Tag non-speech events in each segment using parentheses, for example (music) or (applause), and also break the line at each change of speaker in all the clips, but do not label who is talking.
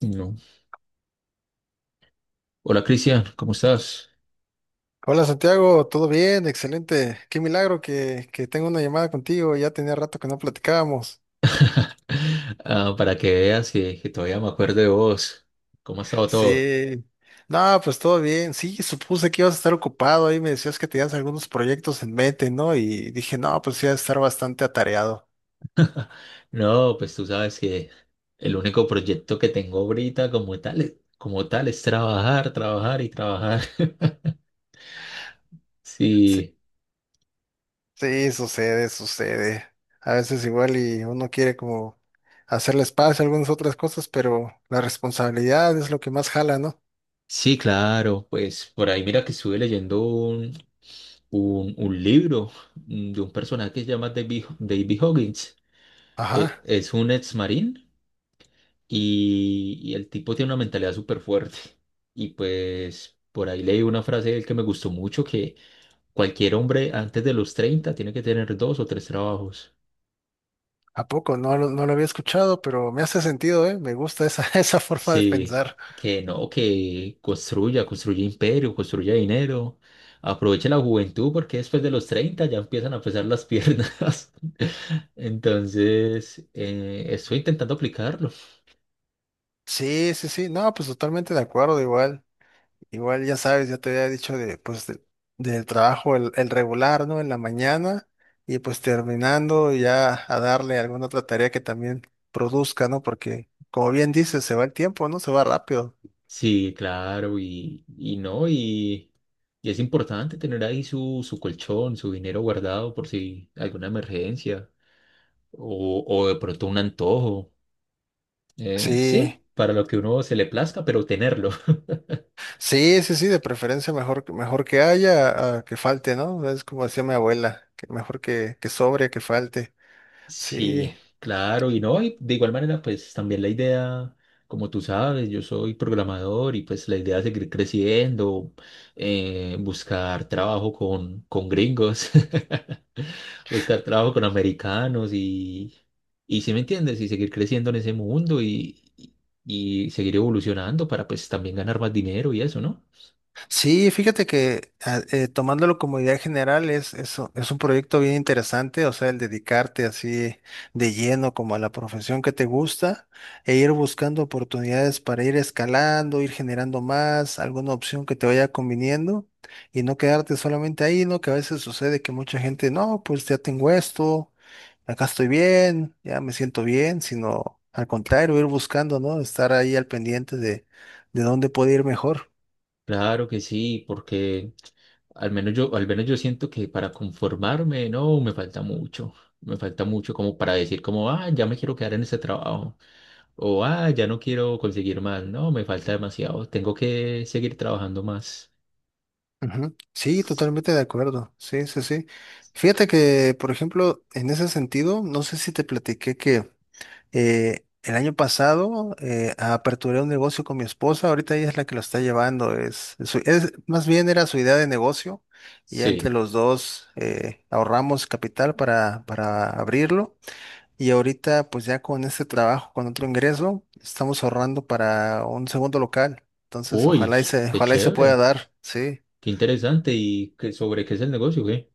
No. Hola Cristian, ¿cómo estás?
Hola Santiago, ¿todo bien? Excelente. Qué milagro que tengo una llamada contigo. Ya tenía rato que no platicábamos.
Ah, para que veas que todavía me acuerdo de vos. ¿Cómo ha estado todo?
Sí. No, pues todo bien. Sí, supuse que ibas a estar ocupado. Ahí me decías que tenías algunos proyectos en mente, ¿no? Y dije, no, pues sí, vas a estar bastante atareado.
No, pues tú sabes que el único proyecto que tengo ahorita como tal es trabajar, trabajar y trabajar. (laughs)
Sí,
Sí,
sí, sucede, sucede. A veces igual y uno quiere como hacerle espacio a algunas otras cosas, pero la responsabilidad es lo que más jala, ¿no?
sí, claro. Pues por ahí mira que estuve leyendo un libro de un personaje que se llama David Huggins. Eh,
Ajá.
Es un ex marín y el tipo tiene una mentalidad súper fuerte. Y pues por ahí leí una frase de él que me gustó mucho, que cualquier hombre antes de los 30 tiene que tener dos o tres trabajos.
¿A poco? No, no lo había escuchado, pero me hace sentido, ¿eh? Me gusta esa, (laughs) esa forma de
Sí,
pensar.
que no, que construya imperio, construya dinero, aproveche la juventud porque después de los 30 ya empiezan a pesar las piernas. (laughs) Entonces, estoy intentando aplicarlo.
Sí, sí, sí. No, pues totalmente de acuerdo, igual. Igual, ya sabes, ya te había dicho de, pues, del trabajo, el regular, ¿no? En la mañana y pues terminando ya a darle alguna otra tarea que también produzca, ¿no? Porque, como bien dices, se va el tiempo, ¿no? Se va rápido.
Sí, claro, y no, y es importante tener ahí su colchón, su dinero guardado por si alguna emergencia o de pronto un antojo.
Sí,
Sí, para lo que uno se le plazca, pero tenerlo.
sí, sí, sí, de preferencia mejor, mejor que haya a que falte, ¿no? Es como decía mi abuela, que mejor que sobre, que falte. Sí,
Sí, claro, y no, y de igual manera, pues también la idea, como tú sabes, yo soy programador y pues la idea es seguir creciendo, buscar trabajo con gringos, (laughs) buscar trabajo con americanos y si me entiendes, y seguir creciendo en ese mundo y seguir evolucionando para pues también ganar más dinero y eso, ¿no?
sí, fíjate que tomándolo como idea general es un proyecto bien interesante, o sea, el dedicarte así de lleno como a la profesión que te gusta e ir buscando oportunidades para ir escalando, ir generando más, alguna opción que te vaya conviniendo y no quedarte solamente ahí, ¿no? Que a veces sucede que mucha gente, no, pues ya tengo esto, acá estoy bien, ya me siento bien, sino al contrario, ir buscando, ¿no? Estar ahí al pendiente de dónde puede ir mejor.
Claro que sí, porque Al menos yo siento que para conformarme, no, me falta mucho. Me falta mucho como para decir como, ah, ya me quiero quedar en ese trabajo. O, ah, ya no quiero conseguir más. No, me falta demasiado. Tengo que seguir trabajando más.
Ujú. Sí,
S-
totalmente de acuerdo. Sí, sí, sí. Fíjate que, por ejemplo, en ese sentido, no sé si te platiqué que el año pasado aperturé un negocio con mi esposa. Ahorita ella es la que lo está llevando. Más bien era su idea de negocio. Y ya entre
Sí.
los dos ahorramos capital para abrirlo. Y ahorita, pues ya con este trabajo, con otro ingreso, estamos ahorrando para un segundo local. Entonces,
Uy,
ojalá y se,
qué
ojalá y se pueda
chévere.
dar. Sí.
Qué interesante. ¿Y qué, sobre qué es el negocio, qué?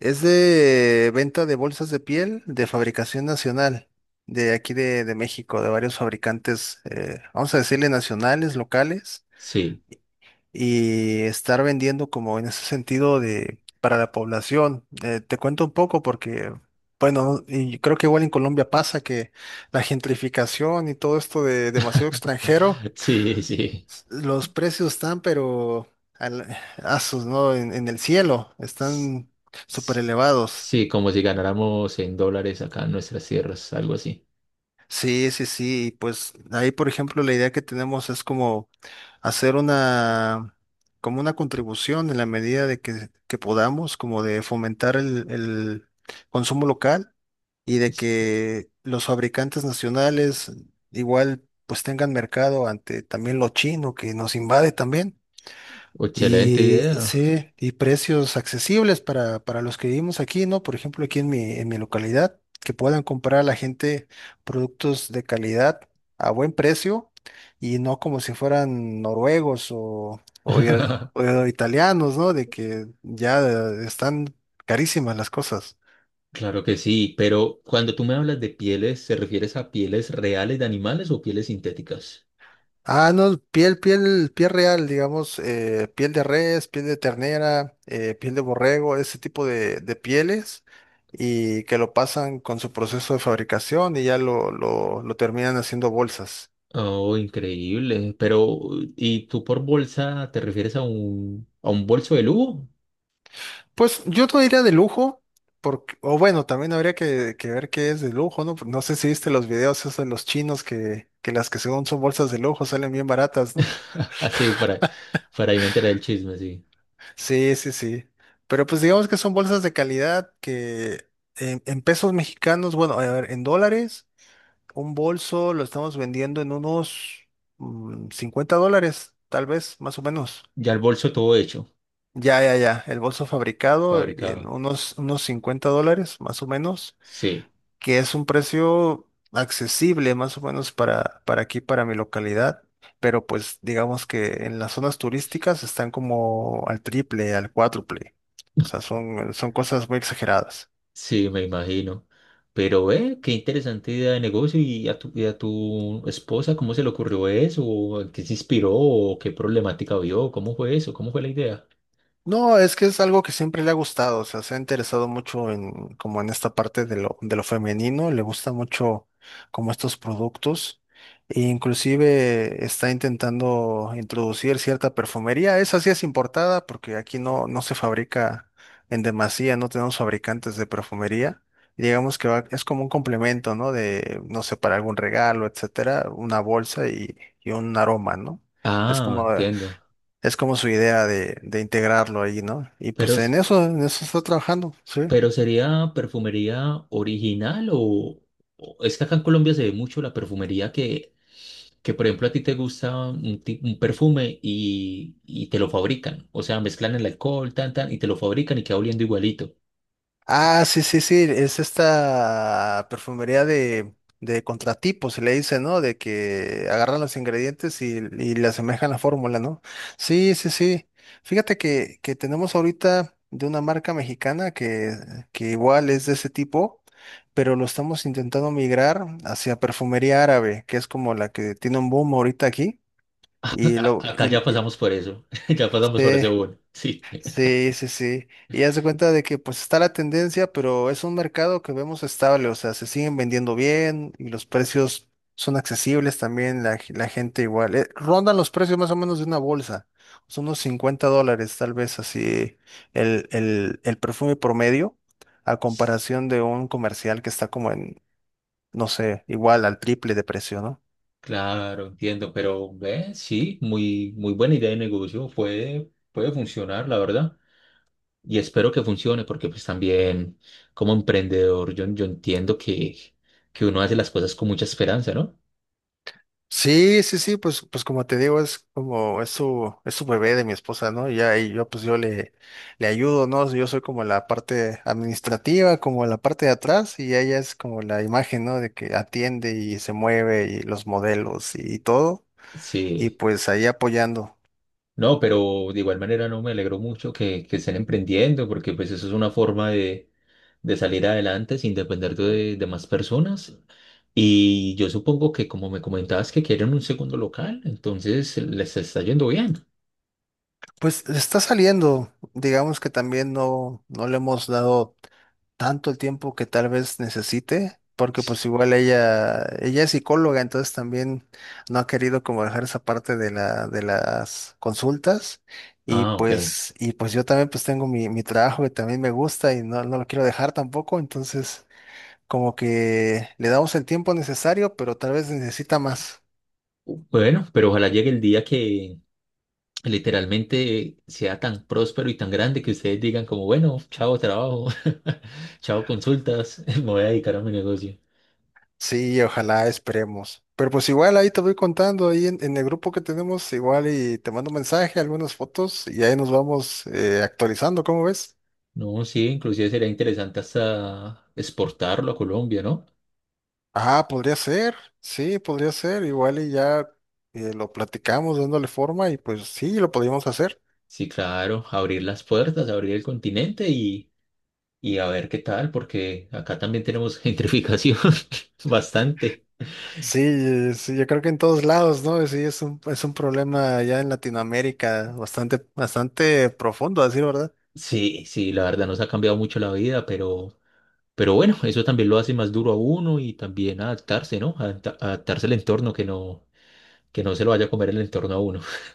Es de venta de bolsas de piel de fabricación nacional, de aquí de México, de varios fabricantes, vamos a decirle nacionales, locales,
Sí.
y estar vendiendo como en ese sentido de para la población. Te cuento un poco porque, bueno, y yo creo que igual en Colombia pasa que la gentrificación y todo esto de demasiado extranjero,
(laughs) Sí, sí.
los precios están, pero al, asos, ¿no? En el cielo,
S-
están súper
s-
elevados.
Sí, como si ganáramos en dólares acá en nuestras tierras, algo así.
Sí, sí, sí. Pues ahí, por ejemplo, la idea que tenemos es como hacer una, como una contribución en la medida de que podamos, como de fomentar el consumo local y de
Es-
que los fabricantes nacionales igual pues tengan mercado ante también lo chino que nos invade también.
Excelente
Y
idea.
sí, y precios accesibles para los que vivimos aquí, ¿no? Por ejemplo, aquí en mi, localidad, que puedan comprar a la gente productos de calidad a buen precio y no como si fueran noruegos o, o i-
(laughs)
o italianos, ¿no? De que ya están carísimas las cosas.
Claro que sí, pero cuando tú me hablas de pieles, ¿se refieres a pieles reales de animales o pieles sintéticas?
Ah, no, piel real, digamos, piel de res, piel de ternera, piel de borrego, ese tipo de pieles, y que lo pasan con su proceso de fabricación y ya lo terminan haciendo bolsas.
Oh, increíble. Pero, ¿y tú por bolsa te refieres a un bolso de lujo?
Pues yo no diría de lujo, porque, o bueno, también habría que ver qué es de lujo, ¿no? No sé si viste los videos esos de los chinos que las que según son bolsas de lujo salen bien baratas, ¿no?
(laughs) Así, para ahí me enteré del chisme, sí.
Sí, sí, sí. Pero pues digamos que son bolsas de calidad que en pesos mexicanos, bueno, a ver, en dólares, un bolso lo estamos vendiendo en unos $50, tal vez, más o menos.
Ya el bolso todo hecho,
Ya, ya, ya. El bolso fabricado en
fabricado.
unos $50, más o menos
Sí,
que es un precio accesible más o menos para aquí, para mi localidad, pero pues digamos que en las zonas turísticas están como al triple, al cuádruple. O sea, son cosas muy exageradas.
sí, me imagino. Pero, qué interesante idea de negocio. ¿Y a tu esposa cómo se le ocurrió eso? ¿O en qué se inspiró? ¿O qué problemática vio? ¿Cómo fue eso? ¿Cómo fue la idea?
No, es que es algo que siempre le ha gustado, o sea, se ha interesado mucho en, como en esta parte de lo femenino, le gusta mucho como estos productos, e inclusive está intentando introducir cierta perfumería, esa sí es importada porque aquí no se fabrica en demasía, no tenemos fabricantes de perfumería, digamos que es como un complemento, ¿no? De, no sé, para algún regalo, etcétera, una bolsa y un aroma, ¿no? Es
Ah,
como,
entiendo.
es como su idea de integrarlo ahí, ¿no? Y
Pero,
pues en eso, en eso está trabajando, sí.
pero ¿sería perfumería original es que acá en Colombia se ve mucho la perfumería que por ejemplo, a ti te gusta un perfume y te lo fabrican? O sea, mezclan el alcohol, tan, tan, y te lo fabrican y queda oliendo igualito.
Ah, sí, sí, sí, es esta perfumería de contratipo, se le dice, ¿no? De que agarran los ingredientes y le asemejan la fórmula, ¿no? Sí, sí, sí. Fíjate que tenemos ahorita de una marca mexicana que igual es de ese tipo, pero lo estamos intentando migrar hacia perfumería árabe, que es como la que tiene un boom ahorita aquí.
(laughs)
Y lo,
Acá
y,
ya
y-
pasamos por eso, (laughs) ya pasamos por
sí,
ese bueno. (laughs) Sí,
Sí, sí, sí. Y haz de cuenta de que pues está la tendencia, pero es un mercado que vemos estable, o sea, se siguen vendiendo bien y los precios son accesibles también, la, la gente igual. Rondan los precios más o menos de una bolsa, son unos $50 tal vez así el perfume promedio a comparación de un comercial que está como en, no sé, igual al triple de precio, ¿no?
claro, entiendo, pero ve, sí, muy, muy buena idea de negocio, puede funcionar, la verdad. Y espero que funcione porque pues también como emprendedor yo entiendo que uno hace las cosas con mucha esperanza, ¿no?
Sí, sí, sí, pues como te digo, es como, es su bebé de mi esposa, ¿no? Y ahí yo, pues yo le ayudo, ¿no? Yo soy como la parte administrativa, como la parte de atrás, y ella es como la imagen, ¿no? De que atiende y se mueve y los modelos y todo, y
Sí.
pues ahí apoyando.
No, pero de igual manera no me alegro mucho que estén emprendiendo porque pues eso es una forma de salir adelante sin depender de más personas. Y yo supongo que como me comentabas que quieren un segundo local, entonces les está yendo bien.
Pues está saliendo, digamos que también no le hemos dado tanto el tiempo que tal vez necesite, porque pues igual ella es psicóloga, entonces también no ha querido como dejar esa parte de la, de las consultas. Y
Ah, ok.
pues, y pues yo también pues tengo mi trabajo que también me gusta y no lo quiero dejar tampoco, entonces como que le damos el tiempo necesario, pero tal vez necesita más.
Bueno, pero ojalá llegue el día que, literalmente sea tan próspero y tan grande que ustedes digan como, bueno, chao trabajo, (laughs) chao consultas, (laughs) me voy a dedicar a mi negocio.
Sí, ojalá, esperemos. Pero pues igual ahí te voy contando, ahí en el grupo que tenemos, igual y te mando un mensaje, algunas fotos y ahí nos vamos actualizando, ¿cómo ves?
No, sí, inclusive sería interesante hasta exportarlo a Colombia, ¿no?
Ah, podría ser, sí, podría ser, igual y ya lo platicamos dándole forma y pues sí, lo podríamos hacer.
Sí, claro, abrir las puertas, abrir el continente y a ver qué tal, porque acá también tenemos gentrificación (laughs) bastante.
Sí, sí, yo creo que en todos lados, ¿no? Sí, es un problema ya en Latinoamérica bastante, bastante profundo, a decir verdad.
Sí, sí, la verdad nos ha cambiado mucho la vida, pero bueno, eso también lo hace más duro a uno y también adaptarse, ¿no? Adaptarse al entorno que no se lo vaya a comer el entorno a uno. (laughs)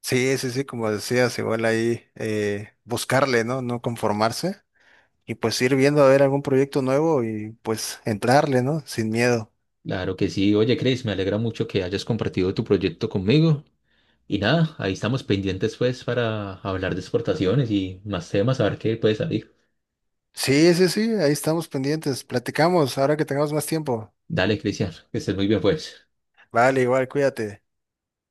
Sí, sí, sí, como decías, igual ahí buscarle, ¿no? No conformarse. Y pues ir viendo a ver algún proyecto nuevo y pues entrarle, ¿no? Sin miedo.
Claro que sí. Oye, Chris, me alegra mucho que hayas compartido tu proyecto conmigo. Y nada, ahí estamos pendientes pues para hablar de exportaciones y más temas, a ver qué puede salir.
Sí, sí, sí, ahí estamos pendientes. Platicamos ahora que tengamos más tiempo.
Dale, Cristian, que estés muy bien pues.
Vale, igual, cuídate.